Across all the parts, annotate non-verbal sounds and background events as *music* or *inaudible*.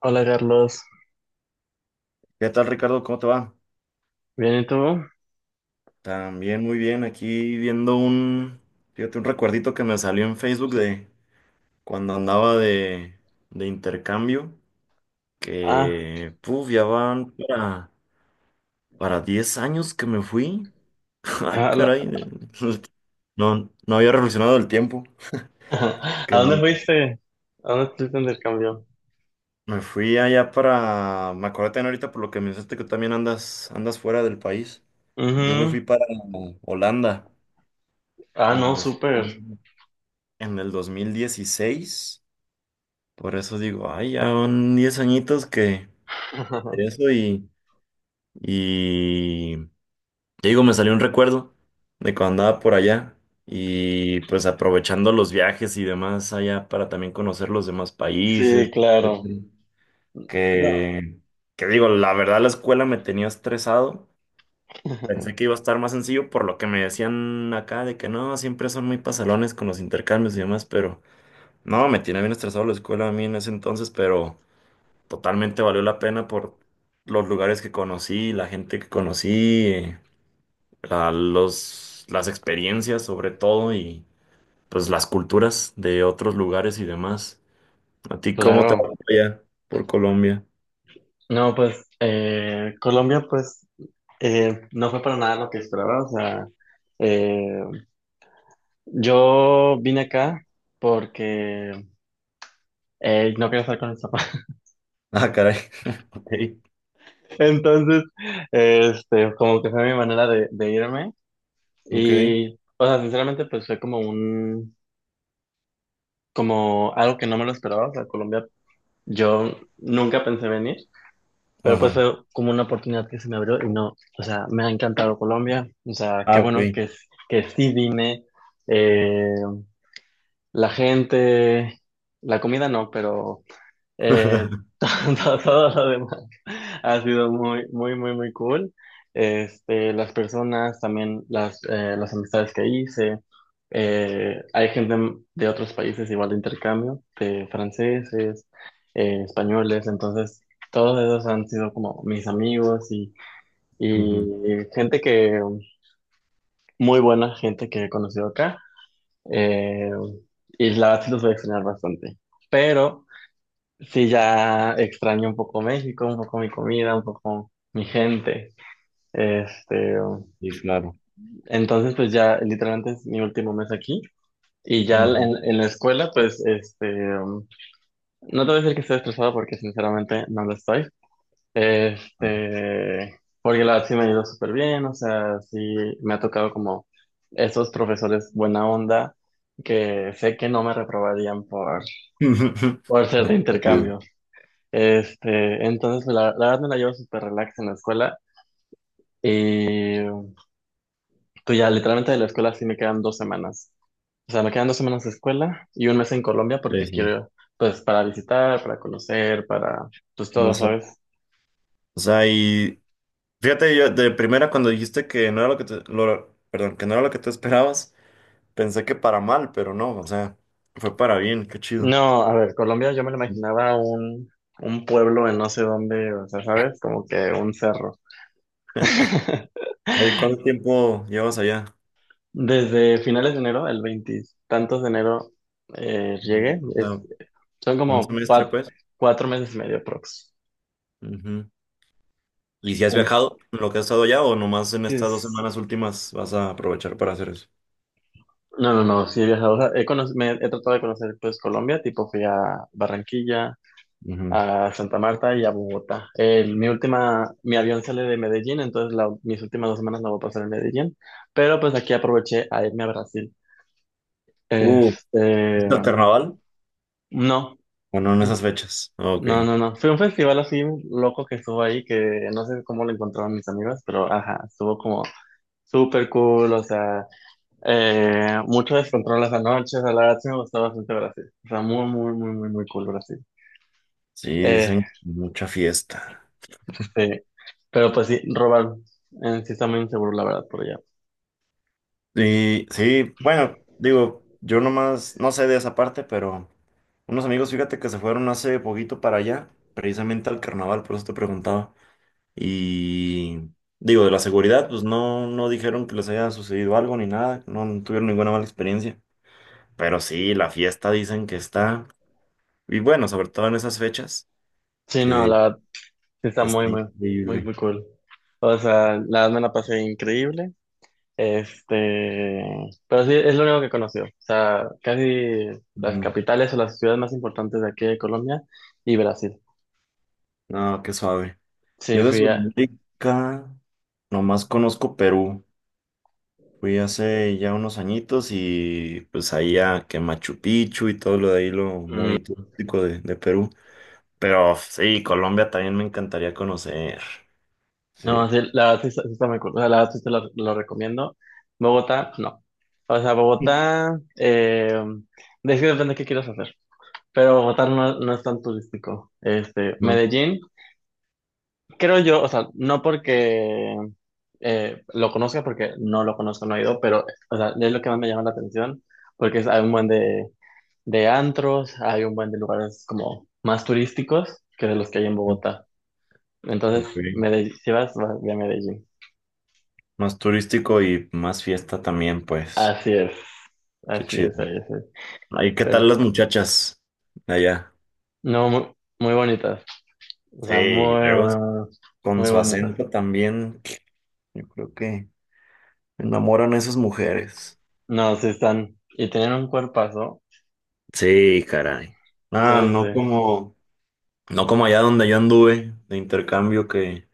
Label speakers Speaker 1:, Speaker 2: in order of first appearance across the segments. Speaker 1: Hola Carlos,
Speaker 2: ¿Qué tal, Ricardo? ¿Cómo te va?
Speaker 1: ¿bien y tú?
Speaker 2: También muy bien, aquí viendo fíjate, un recuerdito que me salió en Facebook de cuando andaba de intercambio,
Speaker 1: Ah,
Speaker 2: que, puf, ya van para 10 años que me fui. *laughs* Ay,
Speaker 1: a, la-
Speaker 2: caray, el- no, no había reflexionado el tiempo,
Speaker 1: *laughs* ¿A
Speaker 2: que
Speaker 1: dónde
Speaker 2: me
Speaker 1: fuiste? ¿A dónde estuviste en el cambio?
Speaker 2: me fui allá me acordé también ahorita por lo que me dijiste que también andas fuera del país. Yo me
Speaker 1: Ujú.
Speaker 2: fui para Holanda
Speaker 1: Ah,
Speaker 2: y
Speaker 1: no,
Speaker 2: me fui
Speaker 1: súper.
Speaker 2: en el 2016. Por eso digo, ay, ya son 10 añitos que de
Speaker 1: *laughs*
Speaker 2: eso y te digo, me salió un recuerdo de cuando andaba por allá y pues aprovechando los viajes y demás allá para también conocer los demás
Speaker 1: Sí,
Speaker 2: países,
Speaker 1: claro.
Speaker 2: etcétera.
Speaker 1: No.
Speaker 2: Que, que digo, la verdad la escuela me tenía estresado. Pensé que
Speaker 1: *laughs*
Speaker 2: iba a estar más sencillo por lo que me decían acá de que no, siempre son muy pasalones con los intercambios y demás, pero... No, me tiene bien estresado la escuela a mí en ese entonces, pero totalmente valió la pena por los lugares que conocí, la gente que conocí, las experiencias sobre todo y pues las culturas de otros lugares y demás. ¿A ti cómo te va
Speaker 1: Claro.
Speaker 2: por allá por Colombia?
Speaker 1: No, pues Colombia, pues no fue para nada lo que esperaba. O sea, eh, yo vine acá porque no quería estar con mis papás.
Speaker 2: Ah, caray. *laughs* Ok,
Speaker 1: *laughs* Entonces, como que fue mi manera de irme.
Speaker 2: ok.
Speaker 1: Y, o sea, sinceramente, pues fue como un, como algo que no me lo esperaba. O sea, Colombia, yo nunca pensé venir, pero pues
Speaker 2: Ajá.
Speaker 1: fue como una oportunidad que se me abrió y no, o sea, me ha encantado Colombia. O sea, qué
Speaker 2: Ah,
Speaker 1: bueno
Speaker 2: ok.
Speaker 1: que sí vine. Eh, la gente, la comida no, pero Eh,
Speaker 2: *laughs*
Speaker 1: *laughs* todo, todo lo demás ha sido muy, muy, muy, muy cool. Este, las personas, también las amistades que hice. Hay gente de otros países igual de intercambio, de franceses, españoles. Entonces, todos esos han sido como mis amigos
Speaker 2: Ujú.
Speaker 1: y gente que, muy buena gente que he conocido acá. Eh, y la verdad sí los voy a extrañar bastante. Pero... Sí, ya extraño un poco México, un poco mi comida, un poco mi gente. Este,
Speaker 2: Sí, claro.
Speaker 1: entonces, pues ya literalmente es mi último mes aquí. Y ya
Speaker 2: Ujú.
Speaker 1: en la escuela, pues, um, no te voy a decir que estoy estresado porque sinceramente no lo estoy. Este, porque la verdad sí me ha ido súper bien, o sea, sí me ha tocado como esos profesores buena onda que sé que no me reprobarían
Speaker 2: *laughs*
Speaker 1: por ser de
Speaker 2: Chido.
Speaker 1: intercambio. Este, entonces la verdad me la llevo súper relax en la escuela y pues ya literalmente de la escuela sí me quedan dos semanas. O sea, me quedan dos semanas de escuela y un mes en Colombia
Speaker 2: Sí,
Speaker 1: porque
Speaker 2: sí.
Speaker 1: quiero, pues, para visitar, para conocer, para, pues, todo,
Speaker 2: Más,
Speaker 1: ¿sabes?
Speaker 2: o sea. Fíjate, yo de primera cuando dijiste que no era lo que te, perdón, que no era lo que te esperabas, pensé que para mal, pero no, o sea, fue para bien, qué chido.
Speaker 1: No, a ver, Colombia yo me lo imaginaba un pueblo en no sé dónde, o sea, ¿sabes? Como que un cerro. *laughs*
Speaker 2: Oye, ¿cuánto tiempo llevas allá?
Speaker 1: Desde finales de enero, el veintitantos de enero, llegué.
Speaker 2: O
Speaker 1: Es-
Speaker 2: sea,
Speaker 1: son
Speaker 2: un
Speaker 1: como
Speaker 2: semestre,
Speaker 1: cuat-
Speaker 2: pues.
Speaker 1: cuatro meses y medio aprox.
Speaker 2: Ujú. ¿Y si has viajado en lo que has estado allá o nomás en estas dos
Speaker 1: Antes,
Speaker 2: semanas últimas vas a aprovechar para hacer eso?
Speaker 1: no, no, no, sí he viajado, o sea, he, cono- me, he tratado de conocer pues Colombia, tipo fui a Barranquilla,
Speaker 2: Ujú.
Speaker 1: a Santa Marta y a Bogotá. El- mi última, mi avión sale de Medellín, entonces la- mis últimas dos semanas la voy a pasar en Medellín, pero pues aquí aproveché a irme a Brasil.
Speaker 2: Uh,
Speaker 1: Este,
Speaker 2: ¿Viste el carnaval?
Speaker 1: no,
Speaker 2: Bueno, en esas fechas. Ok.
Speaker 1: no, no, no, fue un festival así loco que estuvo ahí, que no sé cómo lo encontraron mis amigos, pero ajá, estuvo como súper cool, o sea... mucho descontrol las noches, a la verdad sí me gustó bastante Brasil. O sea, muy, muy, muy, muy, muy cool Brasil.
Speaker 2: Sí,
Speaker 1: Eh,
Speaker 2: dicen mucha fiesta.
Speaker 1: sí. Pero pues sí, robar en sí está muy inseguro, la verdad, por allá.
Speaker 2: Y sí, bueno, digo, yo nomás no sé de esa parte, pero unos amigos, fíjate que se fueron hace poquito para allá, precisamente al carnaval, por eso te preguntaba. Y digo, de la seguridad, pues no, no dijeron que les haya sucedido algo ni nada, no tuvieron ninguna mala experiencia. Pero sí, la fiesta dicen que está, y bueno, sobre todo en esas fechas,
Speaker 1: Sí, no,
Speaker 2: que,
Speaker 1: la verdad sí está
Speaker 2: que
Speaker 1: muy,
Speaker 2: está
Speaker 1: muy, muy,
Speaker 2: increíble.
Speaker 1: muy cool. O sea, la verdad me la pasé increíble. Este, pero sí, es lo único que conocí. O sea, casi las
Speaker 2: Ujú.
Speaker 1: capitales o las ciudades más importantes de aquí de Colombia y Brasil.
Speaker 2: No, qué suave.
Speaker 1: Sí,
Speaker 2: Yo de
Speaker 1: fui a...
Speaker 2: Sudamérica nomás conozco Perú. Fui hace ya unos añitos y pues ahí a que Machu Picchu y todo lo de ahí, lo muy
Speaker 1: mm,
Speaker 2: turístico de Perú. Pero sí, Colombia también me encantaría conocer.
Speaker 1: No,
Speaker 2: Sí,
Speaker 1: sí, la verdad sí está muy cool. O sea, la verdad sí te lo recomiendo. Bogotá, no. O sea,
Speaker 2: Sí.
Speaker 1: Bogotá, de es que depende de qué quieras hacer. Pero Bogotá no, no es tan turístico. Este,
Speaker 2: ¿No?
Speaker 1: Medellín, creo yo, o sea, no porque lo conozca, porque no lo conozco, no he ido, pero o sea, es lo que más me llama la atención, porque es- hay un buen de antros, hay un buen de lugares como más turísticos que de los que hay en Bogotá. Entonces,
Speaker 2: Ok.
Speaker 1: Medellín, si vas, vas ve a Medellín.
Speaker 2: Más turístico y más fiesta también, pues.
Speaker 1: Así es,
Speaker 2: Qué
Speaker 1: así
Speaker 2: chido.
Speaker 1: es, así es.
Speaker 2: Ahí, ¿qué
Speaker 1: Pero,
Speaker 2: tal las muchachas de allá?
Speaker 1: no, muy, muy bonitas. O
Speaker 2: Sí,
Speaker 1: sea,
Speaker 2: y
Speaker 1: muy,
Speaker 2: luego
Speaker 1: muy, muy,
Speaker 2: con
Speaker 1: muy
Speaker 2: su
Speaker 1: bonitas.
Speaker 2: acento también, yo creo que enamoran a esas mujeres.
Speaker 1: No, sí están. Y tienen un cuerpazo.
Speaker 2: Sí, caray.
Speaker 1: Sí,
Speaker 2: Ah,
Speaker 1: sí,
Speaker 2: no
Speaker 1: sí.
Speaker 2: como. No como allá donde yo anduve de intercambio que,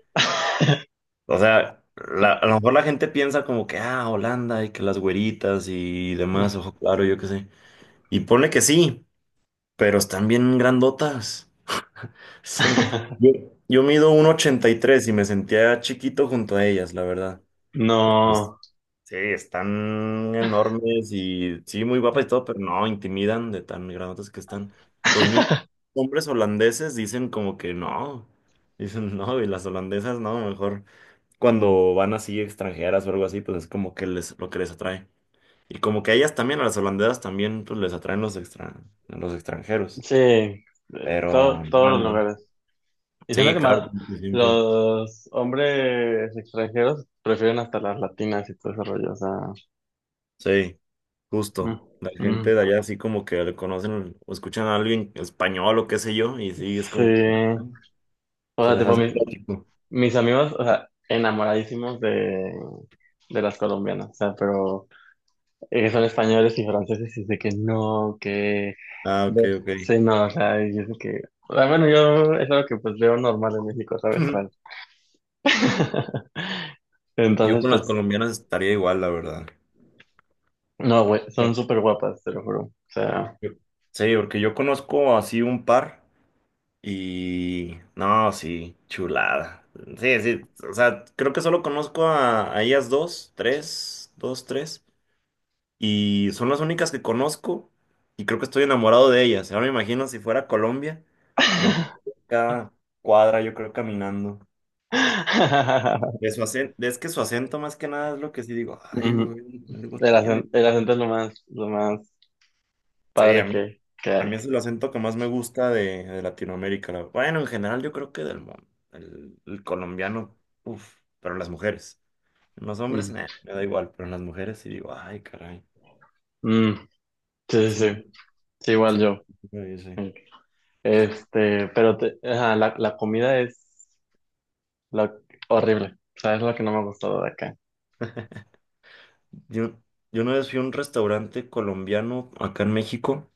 Speaker 2: o sea, a lo mejor la gente piensa como que, ah, Holanda y que las güeritas y demás, ojo claro, yo qué sé. Y ponle que sí, pero están bien grandotas. *laughs* Son- Yo,
Speaker 1: *laughs*
Speaker 2: yo mido un 1,83 y me sentía chiquito junto a ellas, la verdad.
Speaker 1: No,
Speaker 2: Sí, están enormes y sí, muy guapas y todo, pero no, intimidan de tan grandotes que están. Los mismos hombres holandeses dicen como que no, dicen *laughs* no, y las holandesas no, mejor cuando van así extranjeras o algo así, pues es como que les, lo que les atrae. Y como que a ellas también, a las holandesas también, pues les atraen los extranjeros.
Speaker 1: sí. Todo,
Speaker 2: Pero,
Speaker 1: todos
Speaker 2: no,
Speaker 1: los
Speaker 2: no.
Speaker 1: lugares. Y siento
Speaker 2: Sí,
Speaker 1: que
Speaker 2: claro,
Speaker 1: más
Speaker 2: como que siempre.
Speaker 1: los hombres extranjeros prefieren hasta las latinas y todo ese rollo. O sea,
Speaker 2: Sí.
Speaker 1: mm,
Speaker 2: Justo, la gente de
Speaker 1: mm.
Speaker 2: allá así como que le conocen o escuchan a alguien español o qué sé yo, y sí, es
Speaker 1: Sí.
Speaker 2: como que ah,
Speaker 1: O
Speaker 2: se
Speaker 1: sea,
Speaker 2: las
Speaker 1: tipo,
Speaker 2: hace
Speaker 1: mis,
Speaker 2: lógico.
Speaker 1: mis amigos, o sea, enamoradísimos de las colombianas, o sea, pero son españoles y franceses y dice que no, que
Speaker 2: Ah, ok,
Speaker 1: ve,
Speaker 2: ok.
Speaker 1: sí, no, o sea, y es que, o sea, bueno, yo es algo que pues veo normal en México, ¿sabes? O sea,
Speaker 2: *laughs*
Speaker 1: *laughs*
Speaker 2: Yo
Speaker 1: Entonces,
Speaker 2: con las
Speaker 1: pues,
Speaker 2: colombianas estaría igual, la verdad.
Speaker 1: no, güey, son
Speaker 2: Pero-
Speaker 1: súper guapas, te lo juro, o sea,
Speaker 2: yo- Sí, porque yo conozco así un par y no, sí, chulada. Sí, sí, o sea, creo que solo conozco a ellas dos, tres, dos, tres. Y son las únicas que conozco y creo que estoy enamorado de ellas. Ahora me imagino si fuera Colombia, me enamoro de cada cuadra yo creo caminando.
Speaker 1: *laughs*
Speaker 2: Es que su acento más que nada es lo que sí digo, ay,
Speaker 1: Ujú,
Speaker 2: güey, algo tiene.
Speaker 1: el acento es lo más
Speaker 2: Sí, a
Speaker 1: padre
Speaker 2: mí,
Speaker 1: que
Speaker 2: a mí es
Speaker 1: hay.
Speaker 2: el acento que más me gusta de Latinoamérica. Bueno, en general yo creo que del mundo. El colombiano, uff, pero las mujeres. Los hombres,
Speaker 1: Mm,
Speaker 2: nah, me da igual, pero en las mujeres sí digo, ay, caray.
Speaker 1: mm, sí,
Speaker 2: Sí,
Speaker 1: sí, sí, sí, igual
Speaker 2: sí,
Speaker 1: yo.
Speaker 2: sí.
Speaker 1: eh, Este, pero te- ajá, la comida es lo, horrible. O sea, es lo que no me ha gustado de acá.
Speaker 2: Yo, yo una vez fui a un restaurante colombiano acá en México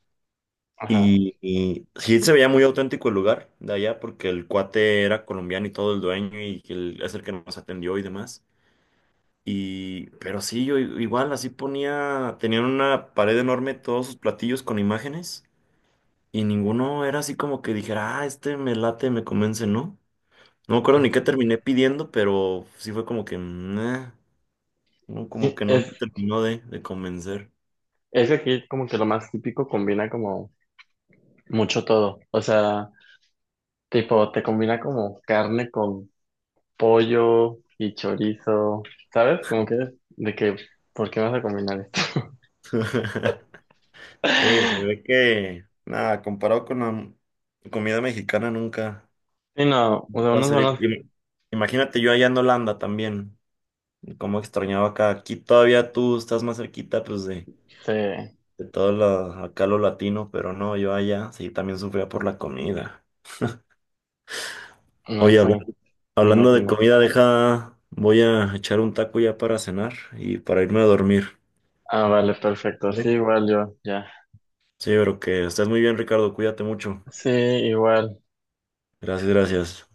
Speaker 1: Ajá.
Speaker 2: y sí se veía muy auténtico el lugar de allá porque el cuate era colombiano y todo el dueño y es el que nos atendió y demás. Y, pero sí, igual así ponía, tenían una pared enorme todos sus platillos con imágenes y ninguno era así como que dijera, ah, este me late, me convence, ¿no? No me acuerdo ni qué terminé pidiendo, pero sí fue como que, "Meh", no, como
Speaker 1: Sí,
Speaker 2: que no me terminó de convencer.
Speaker 1: es que aquí como que lo más típico combina como mucho todo. O sea, tipo, te combina como carne con pollo y chorizo. ¿Sabes? Como que de que, ¿por qué vas a combinar esto?
Speaker 2: *laughs* Sí, se ve
Speaker 1: *laughs*
Speaker 2: que, nada, comparado con la comida mexicana nunca
Speaker 1: Sí, no, o sea,
Speaker 2: va a
Speaker 1: unos
Speaker 2: ser.
Speaker 1: buenos,
Speaker 2: Imagínate yo allá en Holanda también, cómo extrañaba acá. Aquí todavía tú estás más cerquita, pues,
Speaker 1: se-
Speaker 2: de todo lo, acá lo latino, pero no, yo allá sí también sufría por la comida.
Speaker 1: no
Speaker 2: Oye,
Speaker 1: sé, me
Speaker 2: hablando de
Speaker 1: imagino.
Speaker 2: comida, deja, voy a echar un taco ya para cenar y para irme a dormir.
Speaker 1: Ah, vale, perfecto. Sí,
Speaker 2: ¿Vale?
Speaker 1: igual yo, ya.
Speaker 2: Sí, pero que estés muy bien, Ricardo, cuídate mucho.
Speaker 1: Sí, igual.
Speaker 2: Gracias, gracias.